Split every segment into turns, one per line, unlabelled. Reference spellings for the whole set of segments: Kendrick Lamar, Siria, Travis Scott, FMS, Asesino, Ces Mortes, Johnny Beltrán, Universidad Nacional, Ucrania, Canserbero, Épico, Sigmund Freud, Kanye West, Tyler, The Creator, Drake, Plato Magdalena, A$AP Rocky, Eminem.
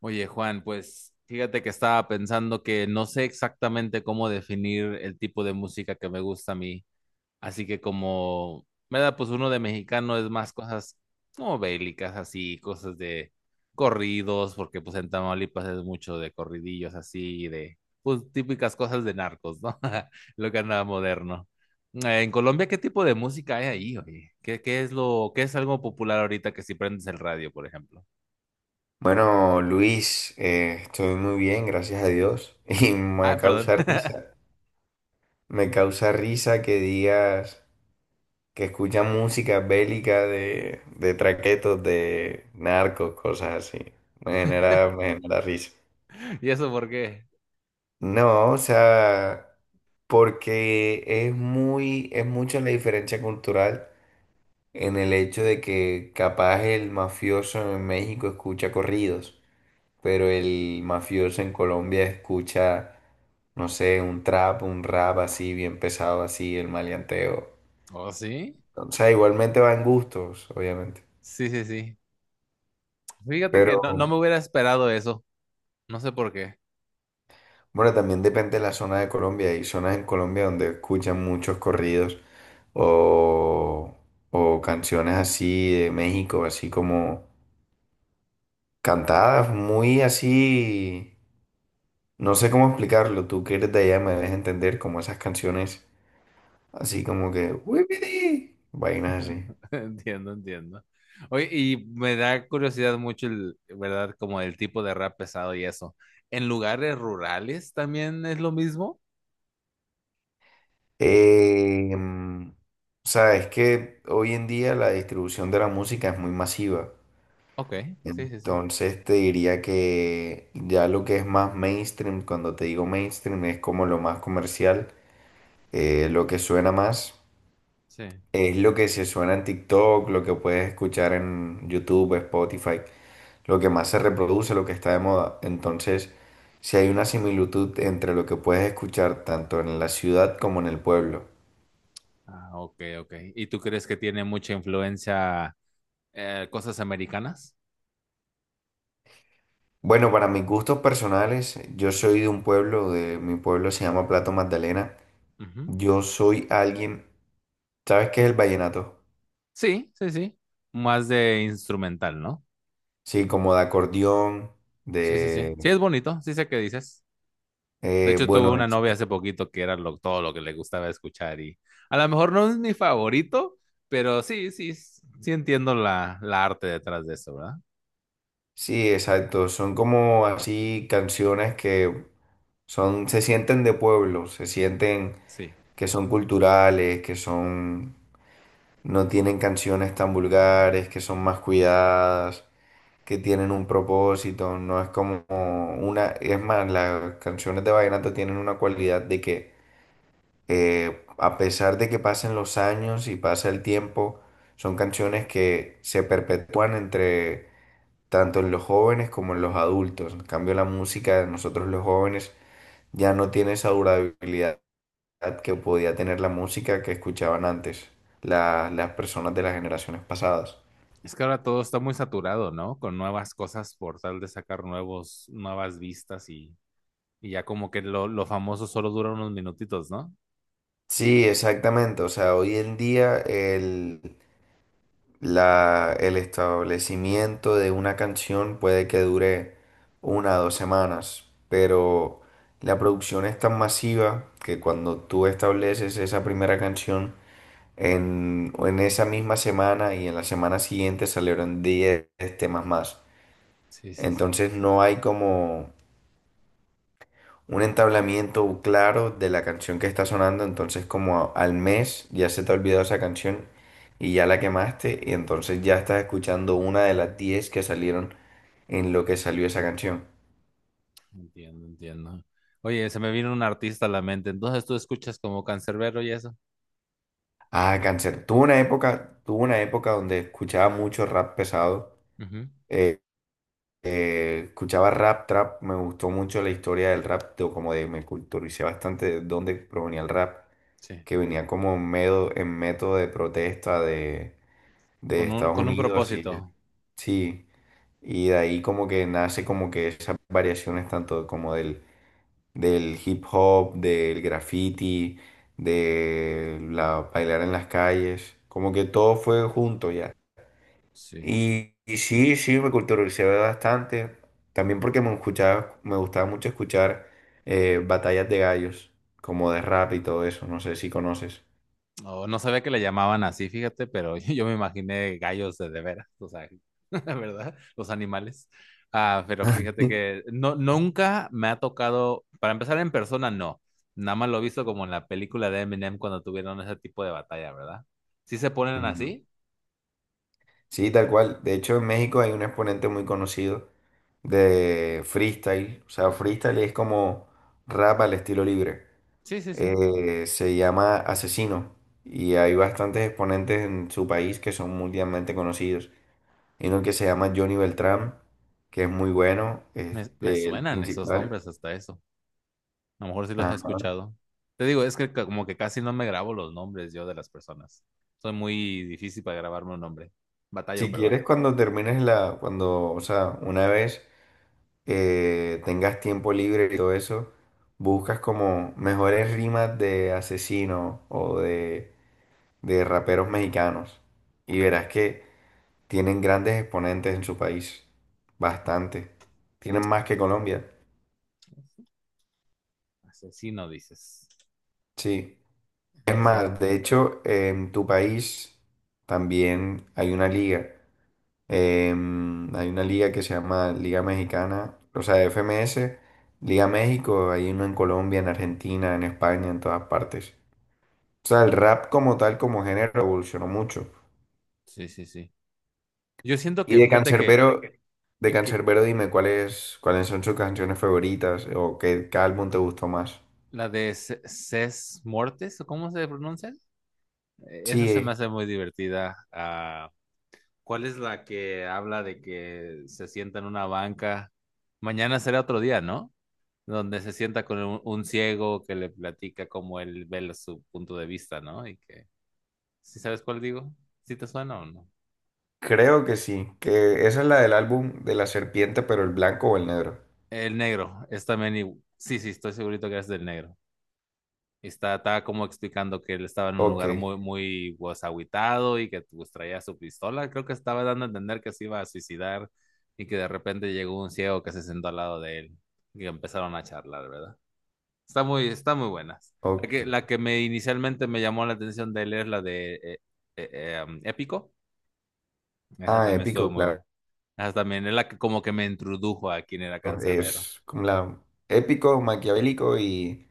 Oye, Juan, pues fíjate que estaba pensando que no sé exactamente cómo definir el tipo de música que me gusta a mí. Así que como me da pues uno de mexicano es más cosas como bélicas así, cosas de corridos, porque pues en Tamaulipas es mucho de corridillos así, de pues típicas cosas de narcos, ¿no? Lo que anda moderno. En Colombia, ¿qué tipo de música hay ahí, oye? ¿Qué es lo, qué es algo popular ahorita que si prendes el radio, por ejemplo?
Bueno, Luis, estoy muy bien, gracias a Dios. Y me
Ah, perdón.
causa risa, me causa risa que digas que escuchas música bélica de traquetos, de narcos, cosas así. Me genera risa.
¿Y eso por qué?
No, o sea, porque es mucha la diferencia cultural en el hecho de que capaz el mafioso en México escucha corridos, pero el mafioso en Colombia escucha, no sé, un trap, un rap así, bien pesado así, el maleanteo.
¿Oh, sí?
O sea, igualmente va en gustos, obviamente.
Sí, sí, sí. Fíjate
Pero
que no me hubiera esperado eso. No sé por qué.
bueno, también depende de la zona de Colombia. Hay zonas en Colombia donde escuchan muchos corridos o, o canciones así de México, así como cantadas, muy así. No sé cómo explicarlo. Tú que eres de allá me debes entender como esas canciones. Así como que, "Wipiti", vainas así.
Entiendo, entiendo. Oye, y me da curiosidad mucho el, ¿verdad? Como el tipo de rap pesado y eso. ¿En lugares rurales también es lo mismo?
O sea, es que hoy en día la distribución de la música es muy masiva.
Ok, sí, sí, sí.
Entonces te diría que ya lo que es más mainstream, cuando te digo mainstream, es como lo más comercial, lo que suena más,
Sí.
es lo que se suena en TikTok, lo que puedes escuchar en YouTube, Spotify, lo que más se reproduce, lo que está de moda. Entonces, si hay una similitud entre lo que puedes escuchar tanto en la ciudad como en el pueblo.
Ah, ok, ok. ¿Y tú crees que tiene mucha influencia cosas americanas?
Bueno, para mis gustos personales, yo soy de un pueblo, de mi pueblo, se llama Plato Magdalena.
Ujú.
Yo soy alguien, ¿sabes qué es el vallenato?
Sí, sí, sí. Más de instrumental, ¿no?
Sí, como de acordeón,
Sí, sí, sí. Sí,
de,
es bonito, sí sé qué dices. De hecho, tuve
bueno,
una
es-
novia hace poquito que era lo- todo lo que le gustaba escuchar y a lo mejor no es mi favorito, pero sí, sí, sí entiendo la arte detrás de eso, ¿verdad?
Sí, exacto. Son como así canciones que son, se sienten de pueblo, se sienten
Sí.
que son culturales, que son, no tienen canciones tan vulgares, que son más cuidadas, que tienen un propósito. No es como una, es más, las canciones de vallenato tienen una cualidad de que a pesar de que pasen los años y pasa el tiempo, son canciones que se perpetúan entre tanto en los jóvenes como en los adultos. En cambio, la música de nosotros los jóvenes ya no tiene esa durabilidad que podía tener la música que escuchaban antes la- las personas de las generaciones pasadas.
Es que ahora todo está muy saturado, ¿no? Con nuevas cosas por tal de sacar nuevos, nuevas vistas y ya como que lo famoso solo dura unos minutitos, ¿no?
Sí, exactamente. O sea, hoy en día la- el establecimiento de una canción puede que dure una o dos semanas, pero la producción es tan masiva que cuando tú estableces esa primera canción, en esa misma semana y en la semana siguiente salieron 10 temas más.
Sí, sí, sí.
Entonces no hay como un entablamiento claro de la canción que está sonando. Entonces como a- al mes ya se te ha olvidado esa canción y ya la quemaste. Y entonces ya estás escuchando una de las 10 que salieron en lo que salió esa canción.
Entiendo, entiendo. Oye, se me vino un artista a la mente. Entonces tú escuchas como Canserbero y eso.
Ah, Cáncer. Tuve una época donde escuchaba mucho rap pesado.
Ujú.
eh, Escuchaba rap, trap, me gustó mucho la historia del rap, de- como de, me culturicé bastante de dónde provenía el rap,
Sí.
que venía como en medo- en método de protesta de Estados
Con un
Unidos y
propósito.
sí, y de ahí como que nace como que esas variaciones tanto como del hip hop, del graffiti, de la bailar en las calles, como que todo fue junto ya.
Sí.
Y sí, sí, me culturalicé bastante. También porque me escuchaba, me gustaba mucho escuchar batallas de gallos, como de rap y todo eso. No sé si conoces.
No, no sabía que le llamaban así, fíjate, pero yo me imaginé gallos de veras, o sea, ¿verdad? Los animales. Ah, pero fíjate que no, nunca me ha tocado, para empezar en persona, no. Nada más lo he visto como en la película de Eminem cuando tuvieron ese tipo de batalla, ¿verdad? ¿Sí se ponen
Ujú.
así?
Sí, tal cual. De hecho, en México hay un exponente muy conocido de freestyle. O sea,
Ajá.
freestyle es como rap al estilo libre.
Sí, sí, sí.
Se llama Asesino. Y hay bastantes exponentes en su país que son mundialmente conocidos. Hay uno que se llama Johnny Beltrán, que es muy bueno,
Me
este, el
suenan esos
principal.
nombres hasta eso. A lo mejor sí los he
Ajá.
escuchado. Te digo, es que ca- como que casi no me grabo los nombres yo de las personas. Soy muy difícil para grabarme un nombre. Batallo,
Si
perdón.
quieres, cuando termines la, cuando, o sea, una vez tengas tiempo libre y todo eso, buscas como mejores rimas de asesinos o de raperos mexicanos y verás que tienen grandes exponentes en su país, bastante. Tienen más que Colombia,
Asesino, dices.
sí. Es
Sí,
más, de hecho, en tu país también hay una liga. Hay una liga que se llama Liga Mexicana, o sea, FMS, Liga México, hay uno en Colombia, en Argentina, en España, en todas partes. O sea, el rap como tal, como género, evolucionó mucho.
sí, sí, sí. Yo siento
Y
que,
de
fíjate
Canserbero, de
que
Canserbero, dime cuáles, cuáles son sus canciones favoritas o qué, qué álbum te gustó más.
la de C- Ces Mortes, ¿o cómo se pronuncia? Esa se
Sí,
me hace muy divertida. Ah, ¿cuál es la que habla de que se sienta en una banca? Mañana será otro día, ¿no? Donde se sienta con un ciego que le platica cómo él ve lo- su punto de vista, ¿no? Y que, ¿sí sabes cuál digo? ¿Sí te suena o no?
creo que sí, que esa es la del álbum de la serpiente, pero el blanco o el negro.
El negro, es también, igu- sí, sí, estoy segurito que es del negro. Estaba como explicando que él estaba en un
Ok,
lugar muy, muy pues, agüitado y que pues, traía su pistola. Creo que estaba dando a entender que se iba a suicidar y que de repente llegó un ciego que se sentó al lado de él y empezaron a charlar, ¿verdad? Está muy buena.
ok.
La que me inicialmente me llamó la atención de él es la de Épico. Esa
Ah,
también estuvo
épico,
muy
claro.
buena. Esa también es la que como que me introdujo a quién era Cancerbero.
Es como la épico, maquiavélico y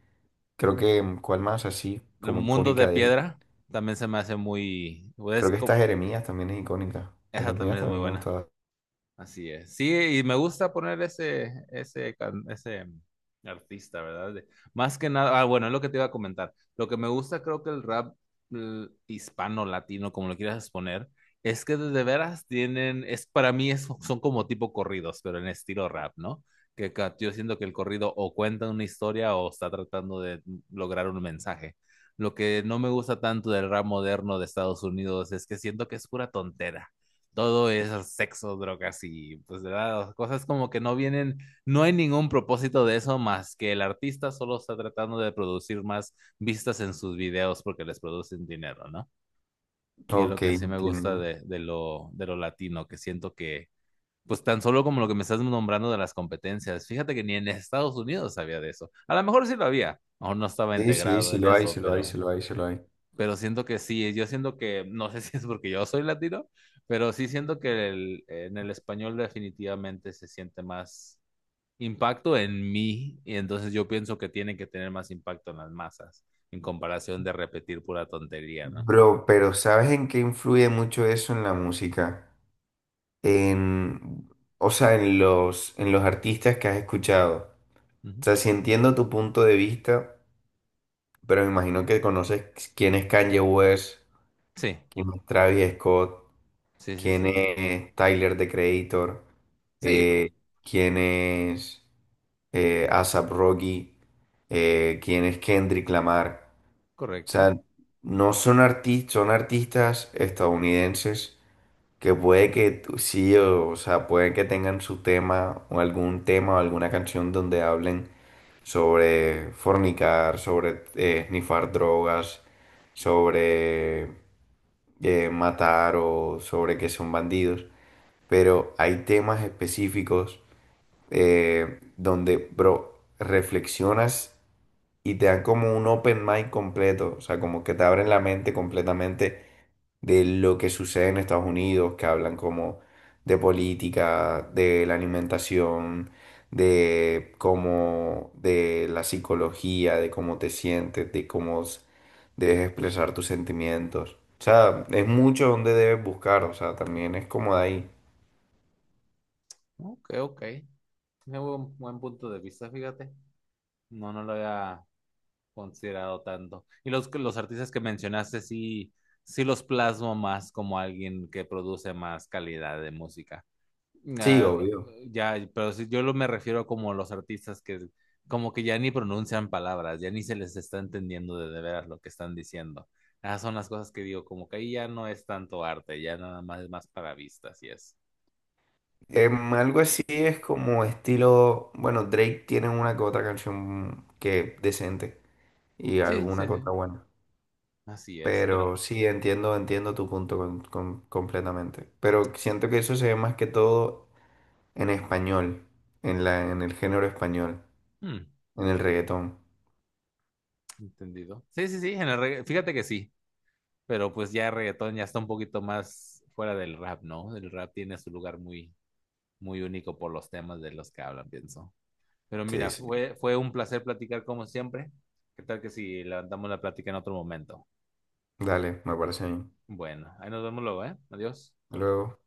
creo que mm, cuál más así
El
como
mundo
icónica
de
de él.
piedra también se me hace muy... pues, es
Creo que esta
como,
Jeremías también es icónica.
esa
Jeremías
también es muy
también me
buena.
gustaba.
Así es. Sí, y me gusta poner ese, ese, can- ese artista, ¿verdad? De- más que nada, ah, bueno, es lo que te iba a comentar. Lo que me gusta, creo que el rap l- hispano, latino, como lo quieras poner, es que de veras tienen, es para mí es, son como tipo corridos, pero en estilo rap, ¿no? Que ca- yo siento que el corrido o cuenta una historia o está tratando de lograr un mensaje. Lo que no me gusta tanto del rap moderno de Estados Unidos es que siento que es pura tontera, todo es sexo, drogas y pues de ¿verdad? Cosas como que no vienen, no hay ningún propósito de eso más que el artista solo está tratando de producir más vistas en sus videos porque les producen dinero, ¿no? Y es lo
Ok,
que sí me gusta
entiendo.
de lo latino, que siento que, pues tan solo como lo que me estás nombrando de las competencias, fíjate que ni en Estados Unidos había de eso. A lo mejor sí lo había, aún no estaba
Sí, sí,
integrado
sí
en
lo hay,
eso,
sí lo hay, sí lo hay, sí lo hay.
pero siento que sí, yo siento que, no sé si es porque yo soy latino, pero sí siento que el- en el español definitivamente se siente más impacto en mí y entonces yo pienso que tiene que tener más impacto en las masas en comparación de repetir pura tontería, ¿no?
Bro, pero ¿sabes en qué influye mucho eso en la música? En, o sea, en los artistas que has escuchado.
Ujú.
O sea, si entiendo tu punto de vista. Pero me imagino que conoces quién es Kanye West,
Sí,
quién es Travis Scott,
sí, sí,
quién
sí.
es Tyler, The Creator,
Sí, p-
eh, quién es A$AP Rocky, quién es Kendrick Lamar. O
correcto.
sea, no son artistas, son artistas estadounidenses que puede que tú- sí, o sea, puede que tengan su tema o algún tema o alguna canción donde hablen sobre fornicar, sobre snifar drogas, sobre matar o sobre que son bandidos, pero hay temas específicos donde, bro, reflexionas y te dan como un open mind completo, o sea, como que te abren la mente completamente de lo que sucede en Estados Unidos, que hablan como de política, de la alimentación, de cómo, de la psicología, de cómo te sientes, de cómo s- debes expresar tus sentimientos. O sea, es mucho donde debes buscar, o sea, también es como de ahí.
Ok, ok. Tiene buen, buen punto de vista, fíjate. No, no lo había considerado tanto. Y los artistas que mencionaste sí, sí los plasmo más como alguien que produce más calidad de música.
Sí,
Ah,
obvio.
ya, pero si yo lo me refiero como los artistas que como que ya ni pronuncian palabras, ya ni se les está entendiendo de veras lo que están diciendo. Esas son las cosas que digo, como que ahí ya no es tanto arte, ya nada más es más para vistas, y es.
Algo así es como estilo, bueno, Drake tiene una que otra canción que decente y
Sí, sí,
alguna que
sí,
otra buena.
así es, pero
Pero sí, entiendo, entiendo tu punto con- completamente. Pero siento que eso se ve más que todo en español, en la, en el género español,
hmm,
en el reggaetón.
entendido. Sí, sí, sí, en el regga- fíjate que sí. Pero pues ya el reggaetón ya está un poquito más fuera del rap, ¿no? El rap tiene su lugar muy, muy único por los temas de los que hablan, pienso. Pero
Sí,
mira,
sí.
fue, fue un placer platicar como siempre. ¿Qué tal que si levantamos la plática en otro momento?
Dale, me parece bien.
Bueno, ahí nos vemos luego, ¿eh? Adiós.
Hasta Luego.